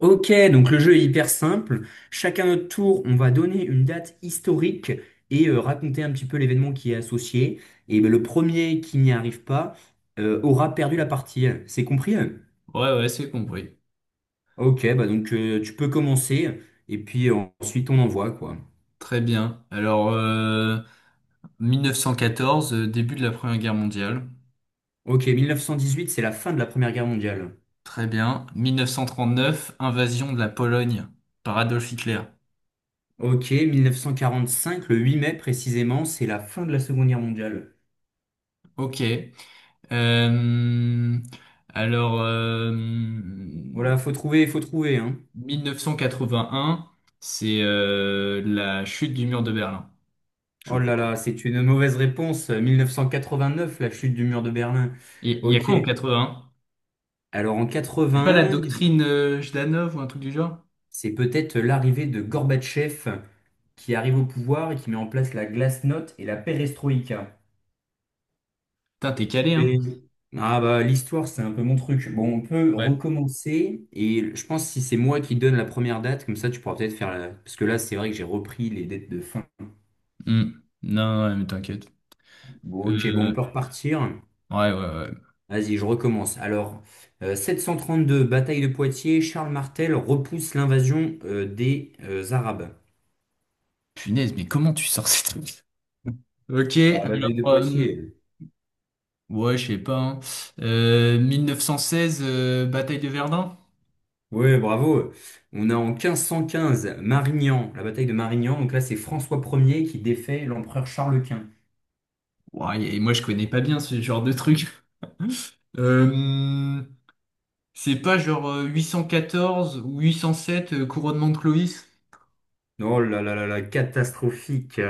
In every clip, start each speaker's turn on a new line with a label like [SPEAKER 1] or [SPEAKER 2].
[SPEAKER 1] Ok, donc le jeu est hyper simple. Chacun notre tour, on va donner une date historique et raconter un petit peu l'événement qui est associé. Et ben, le premier qui n'y arrive pas aura perdu la partie. C'est compris? Hein.
[SPEAKER 2] Ouais, ouais, c'est compris.
[SPEAKER 1] Ok, bah donc tu peux commencer et puis ensuite on envoie quoi.
[SPEAKER 2] Très bien. Alors, 1914, début de la Première Guerre mondiale.
[SPEAKER 1] Ok, 1918, c'est la fin de la Première Guerre mondiale.
[SPEAKER 2] Très bien. 1939, invasion de la Pologne par Adolf Hitler.
[SPEAKER 1] Ok, 1945, le 8 mai précisément, c'est la fin de la Seconde Guerre mondiale.
[SPEAKER 2] Ok. Euh, alors,
[SPEAKER 1] Voilà, faut trouver, hein.
[SPEAKER 2] 1981, c'est la chute du mur de Berlin, je
[SPEAKER 1] Oh là
[SPEAKER 2] crois.
[SPEAKER 1] là, c'est une mauvaise réponse. 1989, la chute du mur de Berlin.
[SPEAKER 2] Il y a
[SPEAKER 1] Ok.
[SPEAKER 2] quoi en 81?
[SPEAKER 1] Alors en
[SPEAKER 2] C'est pas la
[SPEAKER 1] 80,
[SPEAKER 2] doctrine Jdanov ou un truc du genre?
[SPEAKER 1] c'est peut-être l'arrivée de Gorbatchev qui arrive au pouvoir et qui met en place la glasnost et la perestroïka.
[SPEAKER 2] Putain, t'es calé, hein?
[SPEAKER 1] Mais ah bah l'histoire, c'est un peu mon truc. Bon, on peut
[SPEAKER 2] Ouais.
[SPEAKER 1] recommencer et je pense si c'est moi qui donne la première date, comme ça tu pourras peut-être faire la... Parce que là, c'est vrai que j'ai repris les dates de fin.
[SPEAKER 2] Hmm. Non, ouais, mais t'inquiète.
[SPEAKER 1] Bon, ok, bon, on peut
[SPEAKER 2] Euh,
[SPEAKER 1] repartir.
[SPEAKER 2] Ouais, ouais, ouais.
[SPEAKER 1] Vas-y, je recommence. Alors, euh, deux bataille de Poitiers, Charles Martel repousse l'invasion des Arabes.
[SPEAKER 2] Punaise, mais comment tu sors ces trucs? Ok,
[SPEAKER 1] Bah,
[SPEAKER 2] alors,
[SPEAKER 1] bataille de Poitiers.
[SPEAKER 2] ouais, je sais pas, hein. 1916, bataille de Verdun?
[SPEAKER 1] Ouais, bravo. On a en 1515, Marignan, la bataille de Marignan. Donc là, c'est François Ier qui défait l'empereur Charles Quint.
[SPEAKER 2] Ouais, et moi je connais pas bien ce genre de truc. Euh, c'est pas genre 814 ou 807, couronnement de Clovis?
[SPEAKER 1] Oh là là là là, catastrophique.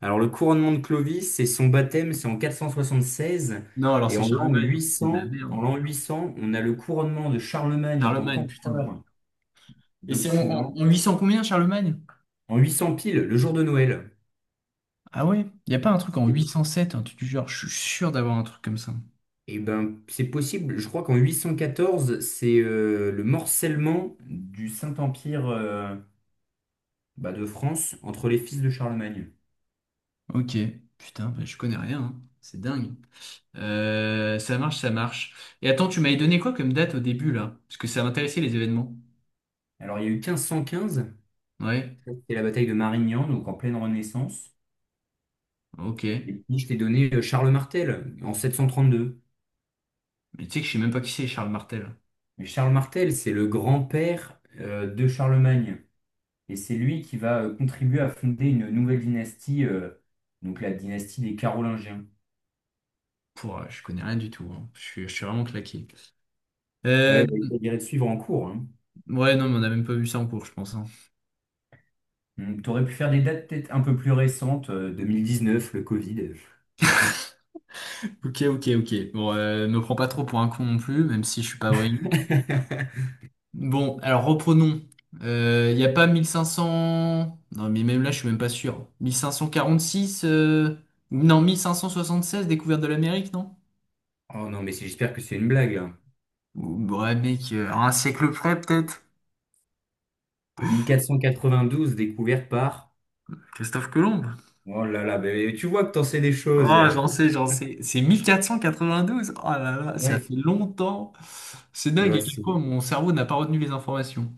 [SPEAKER 1] Alors, le couronnement de Clovis, c'est son baptême, c'est en 476.
[SPEAKER 2] Non, alors
[SPEAKER 1] Et
[SPEAKER 2] c'est
[SPEAKER 1] en l'an
[SPEAKER 2] Charlemagne. C'est de la
[SPEAKER 1] 800, en
[SPEAKER 2] merde.
[SPEAKER 1] l'an 800, on a le couronnement de Charlemagne en tant
[SPEAKER 2] Charlemagne, putain.
[SPEAKER 1] qu'empereur
[SPEAKER 2] Et c'est en, en-
[SPEAKER 1] d'Occident.
[SPEAKER 2] en 800 combien, Charlemagne?
[SPEAKER 1] En 800 piles, le jour de Noël.
[SPEAKER 2] Ah ouais? Y a pas un truc en
[SPEAKER 1] C'est-
[SPEAKER 2] 807, un truc du genre, je suis sûr d'avoir un truc comme ça.
[SPEAKER 1] Eh ben, c'est possible. Je crois qu'en 814, c'est le morcellement du Saint-Empire bah, de France entre les fils de Charlemagne.
[SPEAKER 2] Ok, putain, bah, je connais rien, hein. C'est dingue. Ça marche, ça marche. Et attends, tu m'avais donné quoi comme date au début là? Parce que ça m'intéressait les événements.
[SPEAKER 1] Alors, il y a eu 1515,
[SPEAKER 2] Ouais,
[SPEAKER 1] ça, c'était la bataille de Marignan, donc en pleine Renaissance.
[SPEAKER 2] ok.
[SPEAKER 1] Et puis, je t'ai donné Charles Martel en 732.
[SPEAKER 2] Mais tu sais que je sais même pas qui c'est Charles Martel.
[SPEAKER 1] Mais Charles Martel, c'est le grand-père de Charlemagne. Et c'est lui qui va contribuer à fonder une nouvelle dynastie, donc la dynastie des Carolingiens.
[SPEAKER 2] Pour, je connais rien du tout, hein. Je suis vraiment claqué. Euh,
[SPEAKER 1] Ouais, bah, il faudrait bien suivre en cours. Hein.
[SPEAKER 2] ouais, non, mais on a même pas vu ça en cours, je pense, hein.
[SPEAKER 1] Tu aurais pu faire des dates peut-être un peu plus récentes, neuf le Covid.
[SPEAKER 2] Ok, ok, ok. Bon, me prends pas trop pour un con non plus, même si je suis pas brillant. Bon, alors reprenons. Il n'y a pas 1500. Non, mais même là, je suis même pas sûr. 1546, non, 1576 découverte de l'Amérique, non?
[SPEAKER 1] Oh non, mais j'espère que c'est une blague, là.
[SPEAKER 2] Ouais, mec, à un siècle près, peut-être.
[SPEAKER 1] Douze découverte par...
[SPEAKER 2] Christophe Colomb.
[SPEAKER 1] Oh là là, bah, mais tu vois que t'en sais des choses.
[SPEAKER 2] Ah, j'en sais, j'en sais. C'est mille quatre quatre-vingt-douze cent quatre-vingt-douze. Oh là là, ça
[SPEAKER 1] Ouais.
[SPEAKER 2] fait longtemps. C'est
[SPEAKER 1] Eh
[SPEAKER 2] dingue à
[SPEAKER 1] ben,
[SPEAKER 2] quel
[SPEAKER 1] c'est-
[SPEAKER 2] point mon cerveau n'a pas retenu les informations.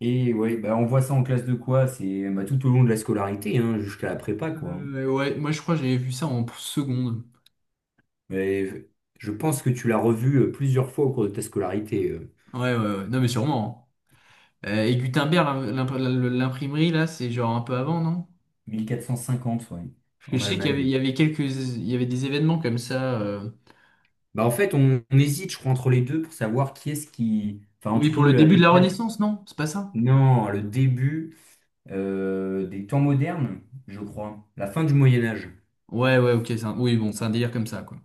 [SPEAKER 1] Et ouais, bah, on voit ça en classe de quoi? C'est bah, tout au long de la scolarité, hein, jusqu'à la prépa, quoi.
[SPEAKER 2] Ouais, moi je crois que j'avais vu ça en seconde.
[SPEAKER 1] Mais je pense que tu l'as revu plusieurs fois au cours de ta scolarité. euh.
[SPEAKER 2] Ouais, ouais, ouais. Non, mais sûrement, hein. Et Gutenberg, l'imprimerie, là, c'est genre un peu avant, non?
[SPEAKER 1] mille quatre cent cinquante, ouais,
[SPEAKER 2] Parce que
[SPEAKER 1] en
[SPEAKER 2] je sais qu'il y avait, il
[SPEAKER 1] Allemagne.
[SPEAKER 2] y avait quelques, il y avait des événements comme ça.
[SPEAKER 1] Bah en fait, on hésite, je crois, entre les deux pour savoir qui est-ce qui... Enfin,
[SPEAKER 2] Oui, pour
[SPEAKER 1] entre
[SPEAKER 2] le
[SPEAKER 1] la
[SPEAKER 2] début de la
[SPEAKER 1] découverte...
[SPEAKER 2] Renaissance, non? C'est pas ça?
[SPEAKER 1] Non, le début des temps modernes, je crois. La fin du Moyen Âge.
[SPEAKER 2] Ouais, ouais, ok. Oui, bon, c'est un délire comme ça, quoi.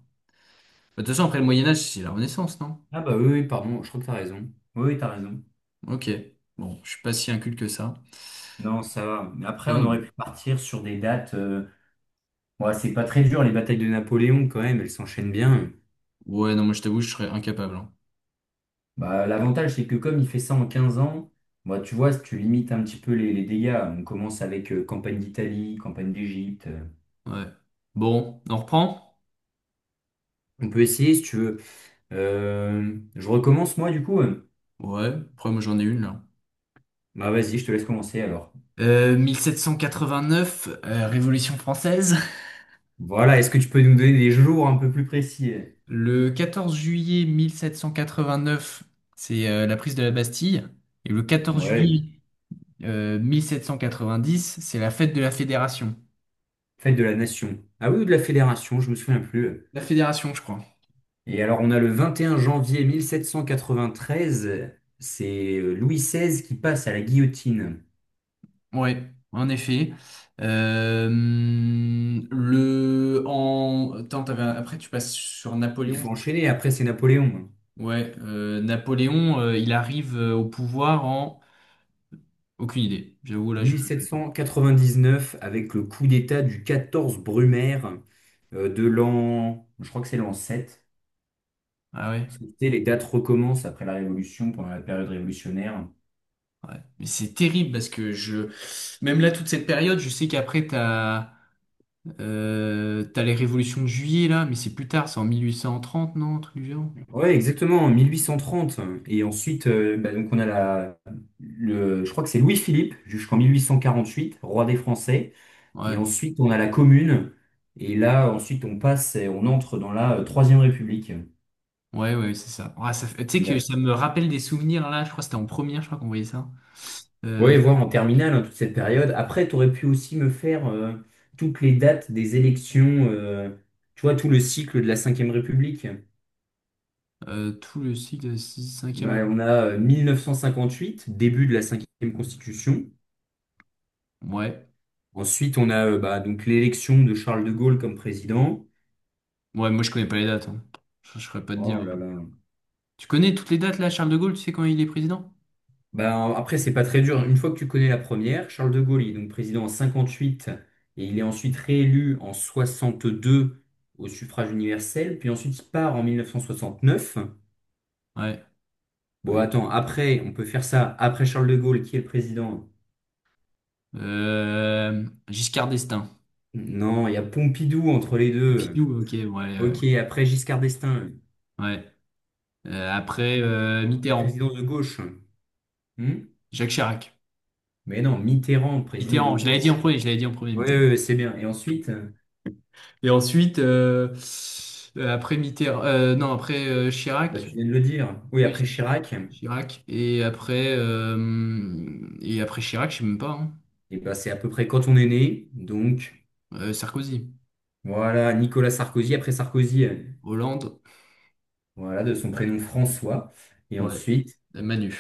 [SPEAKER 2] Bah, de toute façon, après le Moyen-Âge, c'est la Renaissance, non?
[SPEAKER 1] Ah bah oui, oui, pardon, je crois que t'as raison. Oui, oui, t'as raison.
[SPEAKER 2] Ok. Bon, je suis pas si inculte que ça.
[SPEAKER 1] Non, ça va. Mais après, on aurait
[SPEAKER 2] Non,
[SPEAKER 1] pu partir sur des dates... Ouais, c'est pas très dur, les batailles de Napoléon, quand même, elles s'enchaînent bien.
[SPEAKER 2] ouais, non, moi je t'avoue, je serais incapable, hein.
[SPEAKER 1] Bah, l'avantage, c'est que comme il fait ça en 15 ans, bah, tu vois, si tu limites un petit peu les dégâts, on commence avec campagne d'Italie, campagne d'Égypte... euh,
[SPEAKER 2] Ouais. Bon, on reprend?
[SPEAKER 1] on peut essayer, si tu veux. Je recommence moi du coup.
[SPEAKER 2] Ouais, après moi j'en ai une là.
[SPEAKER 1] Bah vas-y, je te laisse commencer alors.
[SPEAKER 2] 1789, Révolution française.
[SPEAKER 1] Voilà, est-ce que tu peux nous donner des jours un peu plus précis?
[SPEAKER 2] Le 14 juillet 1789, c'est la prise de la Bastille. Et le 14
[SPEAKER 1] Ouais,
[SPEAKER 2] juillet 1790, c'est la fête de la Fédération.
[SPEAKER 1] fête de la nation. Ah oui, ou de la fédération, je me souviens plus.
[SPEAKER 2] La Fédération, je crois.
[SPEAKER 1] Et alors on a le 21 janvier 1793. C'est Louis XVI qui passe à la guillotine.
[SPEAKER 2] Ouais, en effet. Euh, le en attends, t'avais un- Après tu passes sur
[SPEAKER 1] Il
[SPEAKER 2] Napoléon.
[SPEAKER 1] faut enchaîner, après c'est Napoléon. Hein.
[SPEAKER 2] Ouais, Napoléon, il arrive au pouvoir en... aucune idée. J'avoue là, je...
[SPEAKER 1] 1799 avec le coup d'État du 14 Brumaire de l'an, je crois que c'est l'an 7.
[SPEAKER 2] ah ouais,
[SPEAKER 1] Tu sais, les dates recommencent après la Révolution, pendant la période révolutionnaire.
[SPEAKER 2] ouais. Mais c'est terrible parce que je même là toute cette période, je sais qu'après t'as les révolutions de Juillet là, mais c'est plus tard, c'est en 1830, non, un truc du genre.
[SPEAKER 1] Ouais, exactement, en 1830. Et ensuite, bah, donc on a le, je crois que c'est Louis-Philippe jusqu'en 1848, roi des Français. Et
[SPEAKER 2] Ouais,
[SPEAKER 1] ensuite, on a la Commune. Et là, ensuite, on passe et on entre dans la Troisième République.
[SPEAKER 2] ouais, ouais, c'est ça. Ah, tu sais
[SPEAKER 1] Il
[SPEAKER 2] que
[SPEAKER 1] va-
[SPEAKER 2] ça me rappelle des souvenirs là. Je crois que c'était en première, je crois qu'on voyait ça. Euh,
[SPEAKER 1] Ouais, voir en terminale, hein, toute cette période. Après, tu aurais pu aussi me faire toutes les dates des élections, tu vois, tout le cycle de la Cinquième République.
[SPEAKER 2] Tout le cycle de 6, 5.
[SPEAKER 1] Bah, on a 1958, début de la cinquième constitution.
[SPEAKER 2] Ouais.
[SPEAKER 1] Ensuite, on a bah, donc l'élection de Charles de Gaulle comme président.
[SPEAKER 2] Ouais, moi je connais pas les dates, hein. Je saurais pas te
[SPEAKER 1] Oh
[SPEAKER 2] dire,
[SPEAKER 1] là
[SPEAKER 2] hein.
[SPEAKER 1] là.
[SPEAKER 2] Tu connais toutes les dates là, Charles de Gaulle, tu sais quand il est président?
[SPEAKER 1] Bah, après, c'est pas très dur. Une fois que tu connais la première, Charles de Gaulle, il est donc président en 58 et il est ensuite réélu en 62 au suffrage universel. Puis ensuite, il part en 1969.
[SPEAKER 2] Ouais,
[SPEAKER 1] Bon,
[SPEAKER 2] oui.
[SPEAKER 1] attends, après, on peut faire ça. Après Charles de Gaulle, qui est le président?
[SPEAKER 2] Giscard d'Estaing.
[SPEAKER 1] Non, il y a Pompidou entre les deux.
[SPEAKER 2] Pompidou, ok, ouais.
[SPEAKER 1] Ok, après Giscard d'Estaing.
[SPEAKER 2] Ouais. Après,
[SPEAKER 1] Un
[SPEAKER 2] Mitterrand.
[SPEAKER 1] président de gauche. Hmm.
[SPEAKER 2] Jacques Chirac.
[SPEAKER 1] Mais non, Mitterrand, président de
[SPEAKER 2] Mitterrand, je l'avais dit
[SPEAKER 1] gauche.
[SPEAKER 2] en
[SPEAKER 1] Oui,
[SPEAKER 2] premier, je l'avais dit en premier, Mitterrand.
[SPEAKER 1] oui, oui, c'est bien. Et ensuite,
[SPEAKER 2] Et ensuite, après Mitterrand, non, après
[SPEAKER 1] bah,
[SPEAKER 2] Chirac.
[SPEAKER 1] tu viens de le dire. Oui,
[SPEAKER 2] Oui,
[SPEAKER 1] après Chirac,
[SPEAKER 2] Chirac. Et après Chirac, je sais même pas, hein.
[SPEAKER 1] et bah, c'est à peu près quand on est né. Donc,
[SPEAKER 2] Sarkozy.
[SPEAKER 1] voilà, Nicolas Sarkozy. Après Sarkozy,
[SPEAKER 2] Hollande,
[SPEAKER 1] voilà, de son prénom François. Et
[SPEAKER 2] ouais,
[SPEAKER 1] ensuite,
[SPEAKER 2] Manu.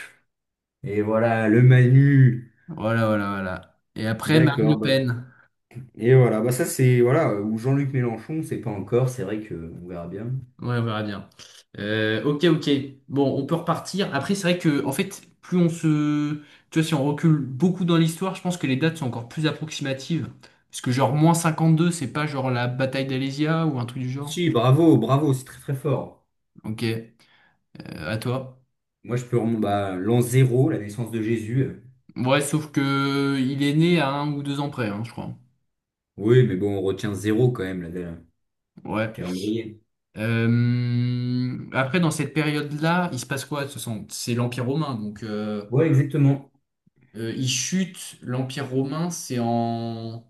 [SPEAKER 1] et voilà, le Manu.
[SPEAKER 2] Voilà, voilà, voilà. Et après, Marine Le
[SPEAKER 1] D'accord. Bah.
[SPEAKER 2] Pen.
[SPEAKER 1] Et voilà, bah, ça, c'est, voilà, ou Jean-Luc Mélenchon, c'est pas encore. C'est vrai que on verra bien.
[SPEAKER 2] Ouais, on verra bien. Ok, ok. Bon, on peut repartir. Après, c'est vrai que, en fait, tu vois, si on recule beaucoup dans l'histoire, je pense que les dates sont encore plus approximatives. Parce que genre, moins 52, c'est pas genre la bataille d'Alésia ou un truc du genre.
[SPEAKER 1] Si, bravo, bravo, c'est très, très fort.
[SPEAKER 2] Ok, à toi.
[SPEAKER 1] Moi, je peux remonter bah, l'an zéro, la naissance de Jésus.
[SPEAKER 2] Ouais, sauf que il est né à un ou deux ans près, hein, je crois.
[SPEAKER 1] Oui, mais bon, on retient zéro quand même, là, le
[SPEAKER 2] Ouais.
[SPEAKER 1] calendrier.
[SPEAKER 2] Après, dans cette période-là, il se passe quoi? C'est l'Empire romain, donc
[SPEAKER 1] Ouais, exactement.
[SPEAKER 2] il chute. L'Empire romain, c'est en...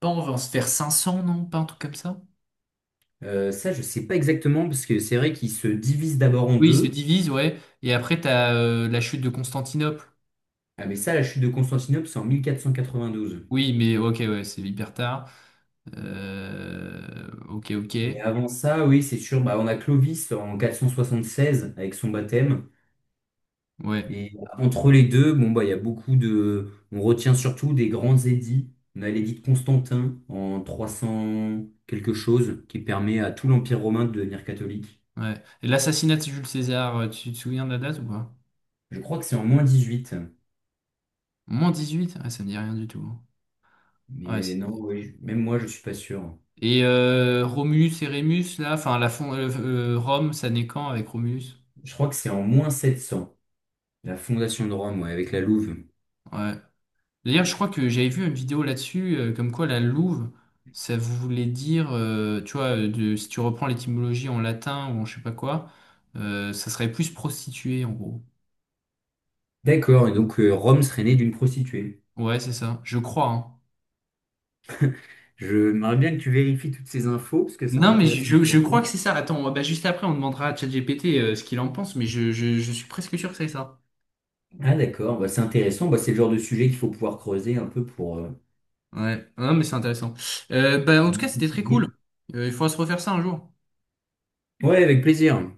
[SPEAKER 2] pas on va se faire 500 non? Pas un truc comme ça?
[SPEAKER 1] Ça, je sais pas exactement, parce que c'est vrai qu'il se divise d'abord en
[SPEAKER 2] Oui, il se
[SPEAKER 1] deux.
[SPEAKER 2] divise, ouais. Et après, t'as la chute de Constantinople.
[SPEAKER 1] Ah, mais ça, la chute de Constantinople, c'est en 1492.
[SPEAKER 2] Oui, mais ok, ouais, c'est hyper tard. Ok, ok,
[SPEAKER 1] Mais avant ça, oui, c'est sûr, bah, on a Clovis en 476 avec son baptême.
[SPEAKER 2] ouais,
[SPEAKER 1] Et entre les deux, bon, bah, il y a beaucoup de. On retient surtout des grands édits. On a l'édit de Constantin en 300 quelque chose, qui permet à tout l'Empire romain de devenir catholique.
[SPEAKER 2] ouais. Et l'assassinat de Jules César, tu te souviens de la date ou pas?
[SPEAKER 1] Je crois que c'est en moins 18.
[SPEAKER 2] Moins 18? Ah, ça me dit rien du tout. Ouais,
[SPEAKER 1] Mais
[SPEAKER 2] c'est...
[SPEAKER 1] non, oui, même moi, je suis pas sûr.
[SPEAKER 2] Et Romulus et Rémus, là, enfin, Rome, ça naît quand avec Romulus?
[SPEAKER 1] Je crois que c'est en moins 700 la fondation de Rome, ouais, avec la Louve.
[SPEAKER 2] Ouais. D'ailleurs, je crois que j'avais vu une vidéo là-dessus, comme quoi la louve, ça voulait dire, tu vois, de, si tu reprends l'étymologie en latin ou en je sais pas quoi, ça serait plus prostituée, en gros.
[SPEAKER 1] D'accord, et donc Rome serait née d'une prostituée.
[SPEAKER 2] Ouais, c'est ça, je crois, hein.
[SPEAKER 1] Je m'aimerais bien que tu vérifies toutes ces infos, parce que ça
[SPEAKER 2] Non, mais je,
[SPEAKER 1] m'intéresse
[SPEAKER 2] je- je crois que
[SPEAKER 1] beaucoup.
[SPEAKER 2] c'est ça. Attends, bah, juste après, on demandera à ChatGPT ce qu'il en pense, mais je suis presque sûr que c'est ça.
[SPEAKER 1] Ah d'accord, bah, c'est intéressant, bah, c'est le genre de sujet qu'il faut pouvoir creuser un peu pour...
[SPEAKER 2] Ouais, non, mais c'est intéressant. Bah, en tout cas, c'était très cool. Il faudra se refaire ça un jour.
[SPEAKER 1] Ouais, avec plaisir.